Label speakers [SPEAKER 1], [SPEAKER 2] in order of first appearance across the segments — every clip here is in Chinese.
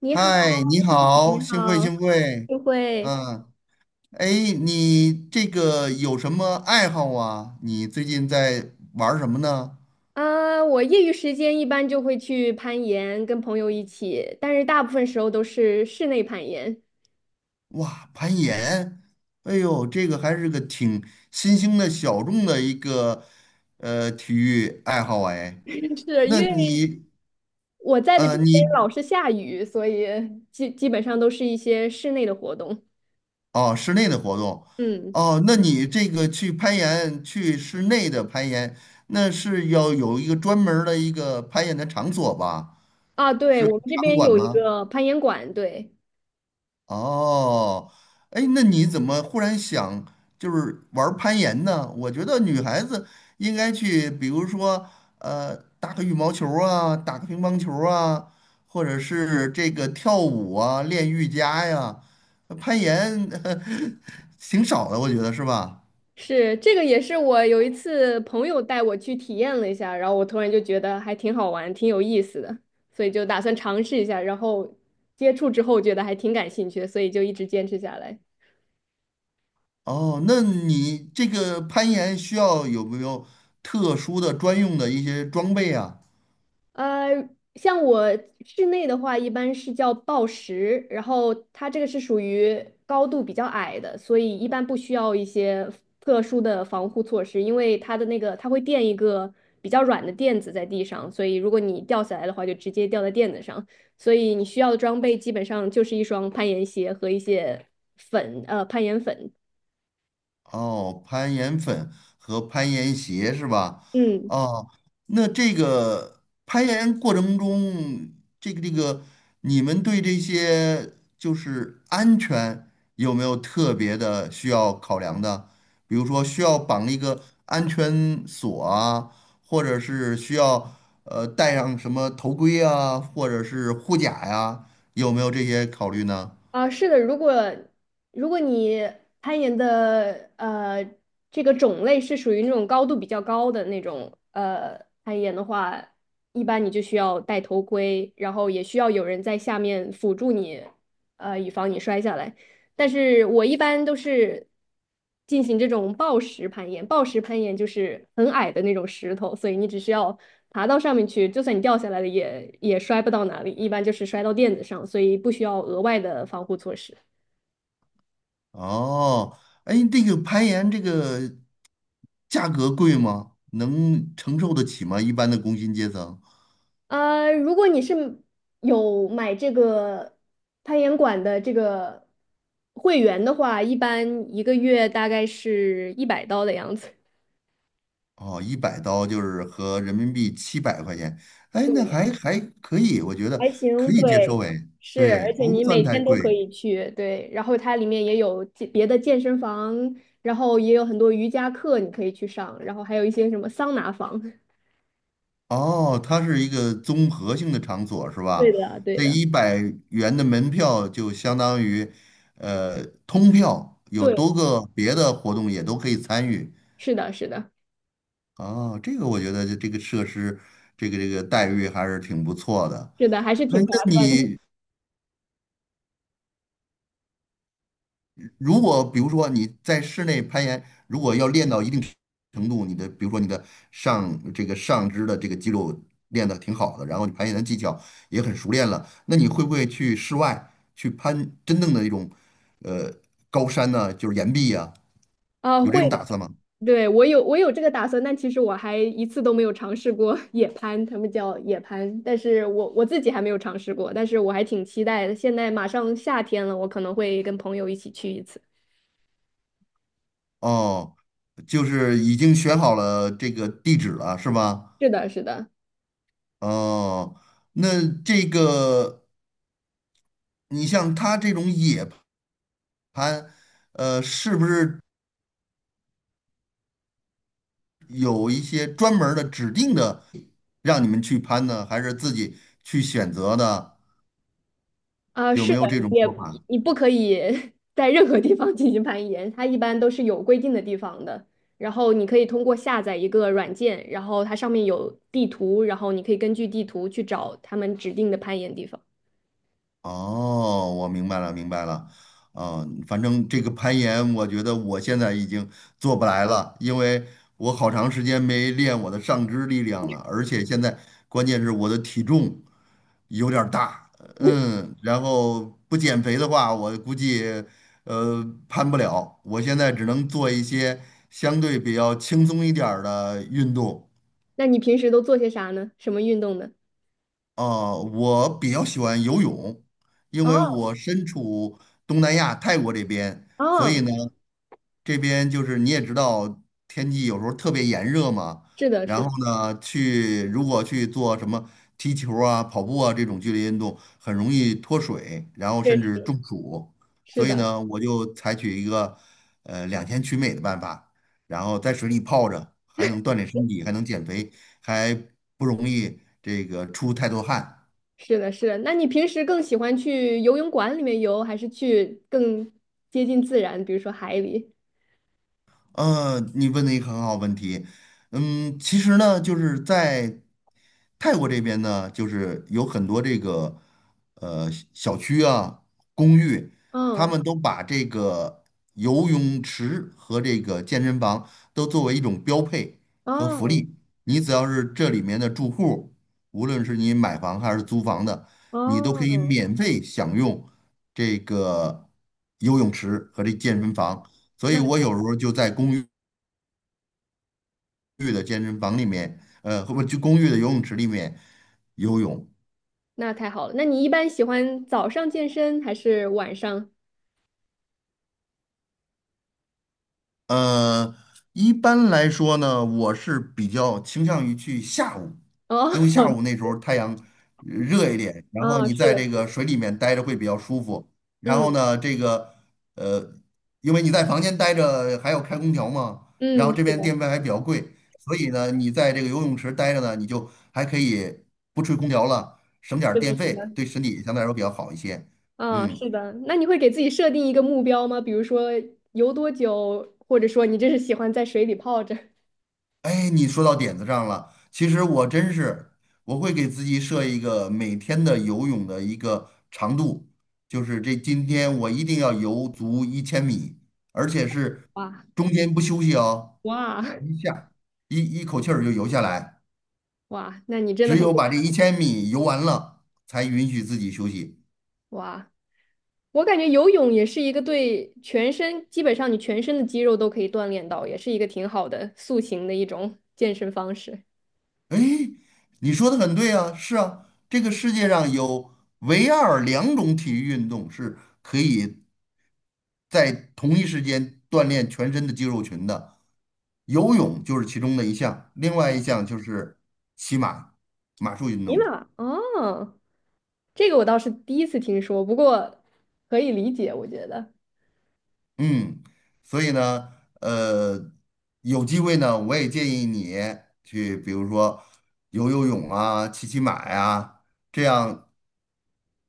[SPEAKER 1] 你好，
[SPEAKER 2] 嗨，你好，
[SPEAKER 1] 你
[SPEAKER 2] 幸会
[SPEAKER 1] 好，
[SPEAKER 2] 幸会。
[SPEAKER 1] 就会
[SPEAKER 2] 嗯，哎，你这个有什么爱好啊？你最近在玩儿什么呢？
[SPEAKER 1] 啊，我业余时间一般就会去攀岩，跟朋友一起，但是大部分时候都是室内攀岩，
[SPEAKER 2] 哇，攀岩，哎呦，这个还是个挺新兴的小众的一个体育爱好哎。
[SPEAKER 1] 是
[SPEAKER 2] 那
[SPEAKER 1] 因为
[SPEAKER 2] 你
[SPEAKER 1] 我在的
[SPEAKER 2] 呃
[SPEAKER 1] 这边
[SPEAKER 2] 你
[SPEAKER 1] 老是下雨，所以基本上都是一些室内的活动。
[SPEAKER 2] 哦，室内的活动。
[SPEAKER 1] 嗯，
[SPEAKER 2] 哦，那你这个去攀岩，去室内的攀岩，那是要有一个专门儿的一个攀岩的场所吧？
[SPEAKER 1] 啊，对，
[SPEAKER 2] 是
[SPEAKER 1] 我们这
[SPEAKER 2] 场
[SPEAKER 1] 边
[SPEAKER 2] 馆
[SPEAKER 1] 有一
[SPEAKER 2] 吗？
[SPEAKER 1] 个攀岩馆，对。
[SPEAKER 2] 哦，哎，那你怎么忽然想就是玩儿攀岩呢？我觉得女孩子应该去，比如说打个羽毛球儿啊，打个乒乓球儿啊，或者是这个跳舞啊，练瑜伽呀。攀岩 挺少的，我觉得是吧？
[SPEAKER 1] 是，这个也是我有一次朋友带我去体验了一下，然后我突然就觉得还挺好玩，挺有意思的，所以就打算尝试一下，然后接触之后觉得还挺感兴趣的，所以就一直坚持下来。
[SPEAKER 2] 哦，那你这个攀岩需要有没有特殊的专用的一些装备啊？
[SPEAKER 1] 呃，像我室内的话，一般是叫抱石，然后它这个是属于高度比较矮的，所以一般不需要一些特殊的防护措施，因为它的那个它会垫一个比较软的垫子在地上，所以如果你掉下来的话，就直接掉在垫子上。所以你需要的装备基本上就是一双攀岩鞋和一些攀岩粉。
[SPEAKER 2] 哦，攀岩粉和攀岩鞋是吧？
[SPEAKER 1] 嗯。
[SPEAKER 2] 哦，那这个攀岩过程中，这个这个，你们对这些就是安全有没有特别的需要考量的？比如说需要绑一个安全锁啊，或者是需要戴上什么头盔啊，或者是护甲呀，有没有这些考虑呢？
[SPEAKER 1] 啊，是的，如果你攀岩的这个种类是属于那种高度比较高的那种攀岩的话，一般你就需要戴头盔，然后也需要有人在下面辅助你，以防你摔下来。但是我一般都是进行这种暴石攀岩，暴石攀岩就是很矮的那种石头，所以你只需要爬到上面去，就算你掉下来了也摔不到哪里，一般就是摔到垫子上，所以不需要额外的防护措施。
[SPEAKER 2] 哦，哎，这个攀岩这个。价格贵吗？能承受得起吗？一般的工薪阶层，
[SPEAKER 1] 如果你是有买这个攀岩馆的这个会员的话，一般一个月大概是100刀的样子。
[SPEAKER 2] 哦，100刀就是合人民币700块钱，哎，
[SPEAKER 1] 对，
[SPEAKER 2] 那还可以，我觉得
[SPEAKER 1] 还
[SPEAKER 2] 可
[SPEAKER 1] 行，
[SPEAKER 2] 以接
[SPEAKER 1] 对，
[SPEAKER 2] 受，哎，
[SPEAKER 1] 是，
[SPEAKER 2] 对，
[SPEAKER 1] 而且
[SPEAKER 2] 不
[SPEAKER 1] 你每
[SPEAKER 2] 算太
[SPEAKER 1] 天都可
[SPEAKER 2] 贵。
[SPEAKER 1] 以去，对，然后它里面也有健别的健身房，然后也有很多瑜伽课你可以去上，然后还有一些什么桑拿房。
[SPEAKER 2] 哦，它是一个综合性的场所是
[SPEAKER 1] 对
[SPEAKER 2] 吧？
[SPEAKER 1] 的，对
[SPEAKER 2] 这
[SPEAKER 1] 的，
[SPEAKER 2] 100元的门票就相当于，通票，有
[SPEAKER 1] 对，
[SPEAKER 2] 多个别的活动也都可以参与。
[SPEAKER 1] 是的，是的，
[SPEAKER 2] 哦，这个我觉得这个设施，这个待遇还是挺不错的。
[SPEAKER 1] 是的，还是
[SPEAKER 2] 哎，
[SPEAKER 1] 挺划
[SPEAKER 2] 那
[SPEAKER 1] 算的
[SPEAKER 2] 你如果比如说你在室内攀岩，如果要练到一定程度，你的比如说你的这个上肢的这个肌肉练得挺好的，然后你攀岩的技巧也很熟练了，那你会不会去室外去攀真正的一种呃高山呢？就是岩壁呀、
[SPEAKER 1] 啊，
[SPEAKER 2] 有这
[SPEAKER 1] 会
[SPEAKER 2] 种打
[SPEAKER 1] 的。
[SPEAKER 2] 算吗？
[SPEAKER 1] 对，我有这个打算，但其实我还一次都没有尝试过 野攀，他们叫野攀，但是我自己还没有尝试过，但是我还挺期待的。现在马上夏天了，我可能会跟朋友一起去一次。
[SPEAKER 2] 哦，就是已经选好了这个地址了，是吧？
[SPEAKER 1] 是的，是的。
[SPEAKER 2] 哦，那这个你像他这种野攀，是不是？有一些专门儿的指定的让你们去攀呢，还是自己去选择的？
[SPEAKER 1] 啊，
[SPEAKER 2] 有
[SPEAKER 1] 是
[SPEAKER 2] 没
[SPEAKER 1] 的，
[SPEAKER 2] 有这种
[SPEAKER 1] 也
[SPEAKER 2] 说法？
[SPEAKER 1] 你不可以 在任何地方进行攀岩，它一般都是有规定的地方的。然后你可以通过下载一个软件，然后它上面有地图，然后你可以根据地图去找他们指定的攀岩地方。
[SPEAKER 2] 哦，我明白了，明白了。嗯，反正这个攀岩，我觉得我现在已经做不来了，因为我好长时间没练我的上肢力量了，而且现在关键是我的体重有点儿大，嗯，然后不减肥的话，我估计呃攀不了。我现在只能做一些相对比较轻松一点儿的运动。
[SPEAKER 1] 那你平时都做些啥呢？什么运动呢？
[SPEAKER 2] 我比较喜欢游泳，因
[SPEAKER 1] 哦
[SPEAKER 2] 为我身处东南亚泰国这边，所以
[SPEAKER 1] 哦，
[SPEAKER 2] 呢，这边就是你也知道，天气有时候特别炎热嘛。
[SPEAKER 1] 是的，
[SPEAKER 2] 然
[SPEAKER 1] 是
[SPEAKER 2] 后
[SPEAKER 1] 的，
[SPEAKER 2] 呢，去如果去做什么踢球啊、跑步啊这种剧烈运动，很容易脱水，然后甚至
[SPEAKER 1] 是
[SPEAKER 2] 中暑。
[SPEAKER 1] 是
[SPEAKER 2] 所以
[SPEAKER 1] 的，
[SPEAKER 2] 呢，我就采取一个两全取美的办法，然后在水里泡着，还能锻炼身体，还能减肥，还不容易这个出太多汗。
[SPEAKER 1] 是的，是的。那你平时更喜欢去游泳馆里面游，还是去更接近自然，比如说海里？
[SPEAKER 2] 你问的一个很好问题。嗯，其实呢，就是在泰国这边呢，就是有很多这个小区啊、公寓，他
[SPEAKER 1] 嗯，
[SPEAKER 2] 们都把这个游泳池和这个健身房都作为一种标配和福
[SPEAKER 1] 哦
[SPEAKER 2] 利。你只要是这里面的住户，无论是你买房还是租房的，你都可以
[SPEAKER 1] 哦，
[SPEAKER 2] 免费享用这个游泳池和这健身房。所以
[SPEAKER 1] 那。
[SPEAKER 2] 我有时候就在公寓的健身房里面，或者就公寓的游泳池里面游泳。
[SPEAKER 1] 那太好了。那你一般喜欢早上健身还是晚上？
[SPEAKER 2] 呃，一般来说呢，我是比较倾向于去下午，
[SPEAKER 1] 哦，
[SPEAKER 2] 因为下午那 时候太阳热一点，然后
[SPEAKER 1] 哦，
[SPEAKER 2] 你
[SPEAKER 1] 是
[SPEAKER 2] 在
[SPEAKER 1] 的，
[SPEAKER 2] 这
[SPEAKER 1] 是
[SPEAKER 2] 个
[SPEAKER 1] 的，
[SPEAKER 2] 水里面待着会比较舒服。然后
[SPEAKER 1] 嗯
[SPEAKER 2] 呢，这个呃，因为你在房间待着还要开空调嘛，然
[SPEAKER 1] 嗯，
[SPEAKER 2] 后这
[SPEAKER 1] 是
[SPEAKER 2] 边
[SPEAKER 1] 的，
[SPEAKER 2] 电费还比较贵，所以呢，你在这个游泳池待着呢，你就还可以不吹空调了，省点儿
[SPEAKER 1] 是的，
[SPEAKER 2] 电
[SPEAKER 1] 是
[SPEAKER 2] 费，
[SPEAKER 1] 的，
[SPEAKER 2] 对身体相对来说比较好一些。
[SPEAKER 1] 啊，
[SPEAKER 2] 嗯。
[SPEAKER 1] 是的。那你会给自己设定一个目标吗？比如说游多久，或者说你真是喜欢在水里泡着？
[SPEAKER 2] 哎，你说到点子上了。其实我真是，我会给自己设一个每天的游泳的一个长度，就是这今天我一定要游足一千米，而且是
[SPEAKER 1] 哇
[SPEAKER 2] 中间不休息哦，
[SPEAKER 1] 哇
[SPEAKER 2] 一下一一口气儿就游下来，
[SPEAKER 1] 哇！那你真的
[SPEAKER 2] 只
[SPEAKER 1] 很
[SPEAKER 2] 有把这一千米游完了，才允许自己休息。
[SPEAKER 1] 哇！我感觉游泳也是一个对全身，基本上你全身的肌肉都可以锻炼到，也是一个挺好的塑形的一种健身方式。
[SPEAKER 2] 哎，你说的很对啊，是啊，这个世界上有唯二两种体育运动是可以在同一时间锻炼全身的肌肉群的。游泳就是其中的一项，另外一项就是骑马，马术运
[SPEAKER 1] 尼
[SPEAKER 2] 动。
[SPEAKER 1] 玛，哦。这个我倒是第一次听说，不过可以理解，我觉得
[SPEAKER 2] 嗯，所以呢，呃，有机会呢，我也建议你去，比如说游游泳啊，骑骑马呀、这样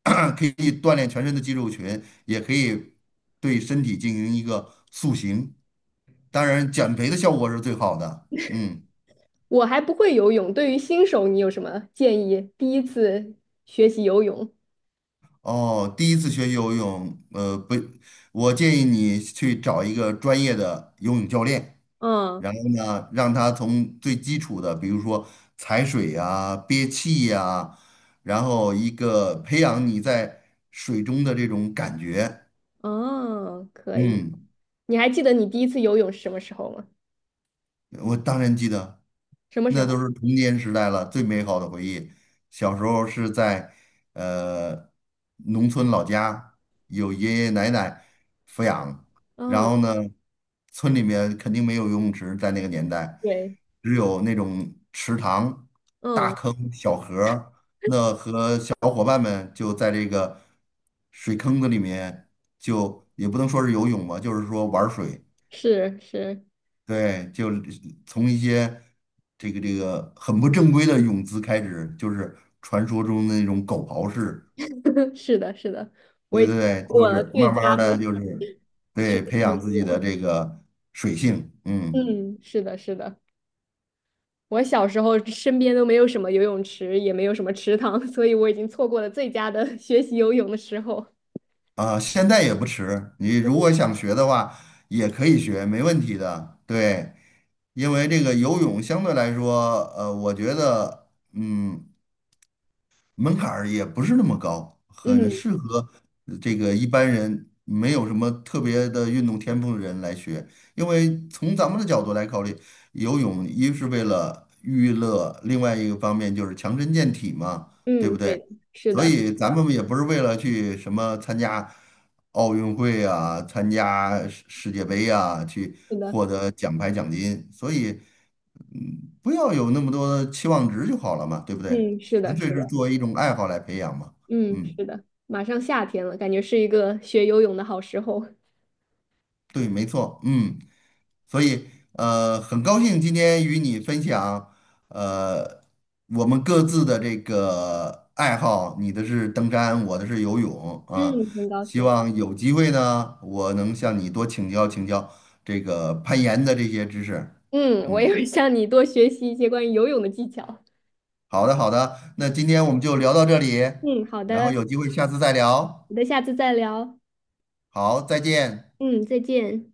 [SPEAKER 2] 可以锻炼全身的肌肉群，也可以对身体进行一个塑形。当然，减肥的效果是最好的。嗯。
[SPEAKER 1] 我还不会游泳，对于新手你有什么建议？第一次学习游泳，
[SPEAKER 2] 哦，第一次学游泳，不，我建议你去找一个专业的游泳教练，
[SPEAKER 1] 嗯
[SPEAKER 2] 然后呢，让他从最基础的，比如说踩水呀、憋气呀、然后一个培养你在水中的这种感觉，
[SPEAKER 1] 嗯，可以。
[SPEAKER 2] 嗯。
[SPEAKER 1] 你还记得你第一次游泳是什么时候吗？
[SPEAKER 2] 我当然记得，
[SPEAKER 1] 什么时
[SPEAKER 2] 那都
[SPEAKER 1] 候？
[SPEAKER 2] 是童年时代了，最美好的回忆。小时候是在呃农村老家，有爷爷奶奶抚养，然
[SPEAKER 1] 嗯，
[SPEAKER 2] 后呢，村里面肯定没有游泳池，在那个年代，
[SPEAKER 1] 对，
[SPEAKER 2] 只有那种池塘、大
[SPEAKER 1] 嗯，
[SPEAKER 2] 坑、小河儿。小伙伴们就在这个水坑子里面，就也不能说是游泳吧，就是说玩儿水。
[SPEAKER 1] 是是
[SPEAKER 2] 对，就是从一些这个很不正规的泳姿开始，就是传说中的那种狗刨式，
[SPEAKER 1] 是的，是的，
[SPEAKER 2] 对对对，就
[SPEAKER 1] 我
[SPEAKER 2] 是
[SPEAKER 1] 最
[SPEAKER 2] 慢
[SPEAKER 1] 佳
[SPEAKER 2] 慢的
[SPEAKER 1] 的
[SPEAKER 2] 就是
[SPEAKER 1] 学
[SPEAKER 2] 对培
[SPEAKER 1] 习游
[SPEAKER 2] 养自己
[SPEAKER 1] 泳。
[SPEAKER 2] 的这个水性。
[SPEAKER 1] 嗯，是的，是的。我小时候身边都没有什么游泳池，也没有什么池塘，所以我已经错过了最佳的 学习游泳的时候。
[SPEAKER 2] 现在也不迟，你如果想学的话也可以学，没问题的，对，因为这个游泳相对来说，我觉得门槛儿也不是那么高，很
[SPEAKER 1] 嗯
[SPEAKER 2] 适合这个一般人没有什么特别的运动天赋的人来学。因为从咱们的角度来考虑，游泳一是为了娱乐，另外一个方面就是强身健体嘛，对
[SPEAKER 1] 嗯，
[SPEAKER 2] 不
[SPEAKER 1] 对
[SPEAKER 2] 对？
[SPEAKER 1] 的，是
[SPEAKER 2] 所
[SPEAKER 1] 的，
[SPEAKER 2] 以咱们也不是为了去什么参加奥运会啊，参加世界杯啊，去
[SPEAKER 1] 是的，
[SPEAKER 2] 获得奖牌奖金。所以不要有那么多的期望值就好了嘛，对不对？
[SPEAKER 1] 嗯，是
[SPEAKER 2] 纯
[SPEAKER 1] 的，是
[SPEAKER 2] 粹是
[SPEAKER 1] 的，
[SPEAKER 2] 作为一种爱好来培养嘛。
[SPEAKER 1] 嗯，
[SPEAKER 2] 嗯，
[SPEAKER 1] 是的，马上夏天了，感觉是一个学游泳的好时候。
[SPEAKER 2] 对，没错。嗯，所以很高兴今天与你分享，呃，我们各自的这个爱好，你的是登山，我的是游泳啊。
[SPEAKER 1] 嗯，很高
[SPEAKER 2] 希
[SPEAKER 1] 兴。
[SPEAKER 2] 望有机会呢，我能向你多请教请教这个攀岩的这些知识。
[SPEAKER 1] 嗯，我
[SPEAKER 2] 嗯，
[SPEAKER 1] 也会向你多学习一些关于游泳的技巧。
[SPEAKER 2] 好的好的，那今天我们就聊到这里，
[SPEAKER 1] 嗯，好
[SPEAKER 2] 然后
[SPEAKER 1] 的，
[SPEAKER 2] 有机会下次再聊。
[SPEAKER 1] 我们下次再聊。
[SPEAKER 2] 好，再见。
[SPEAKER 1] 嗯，再见。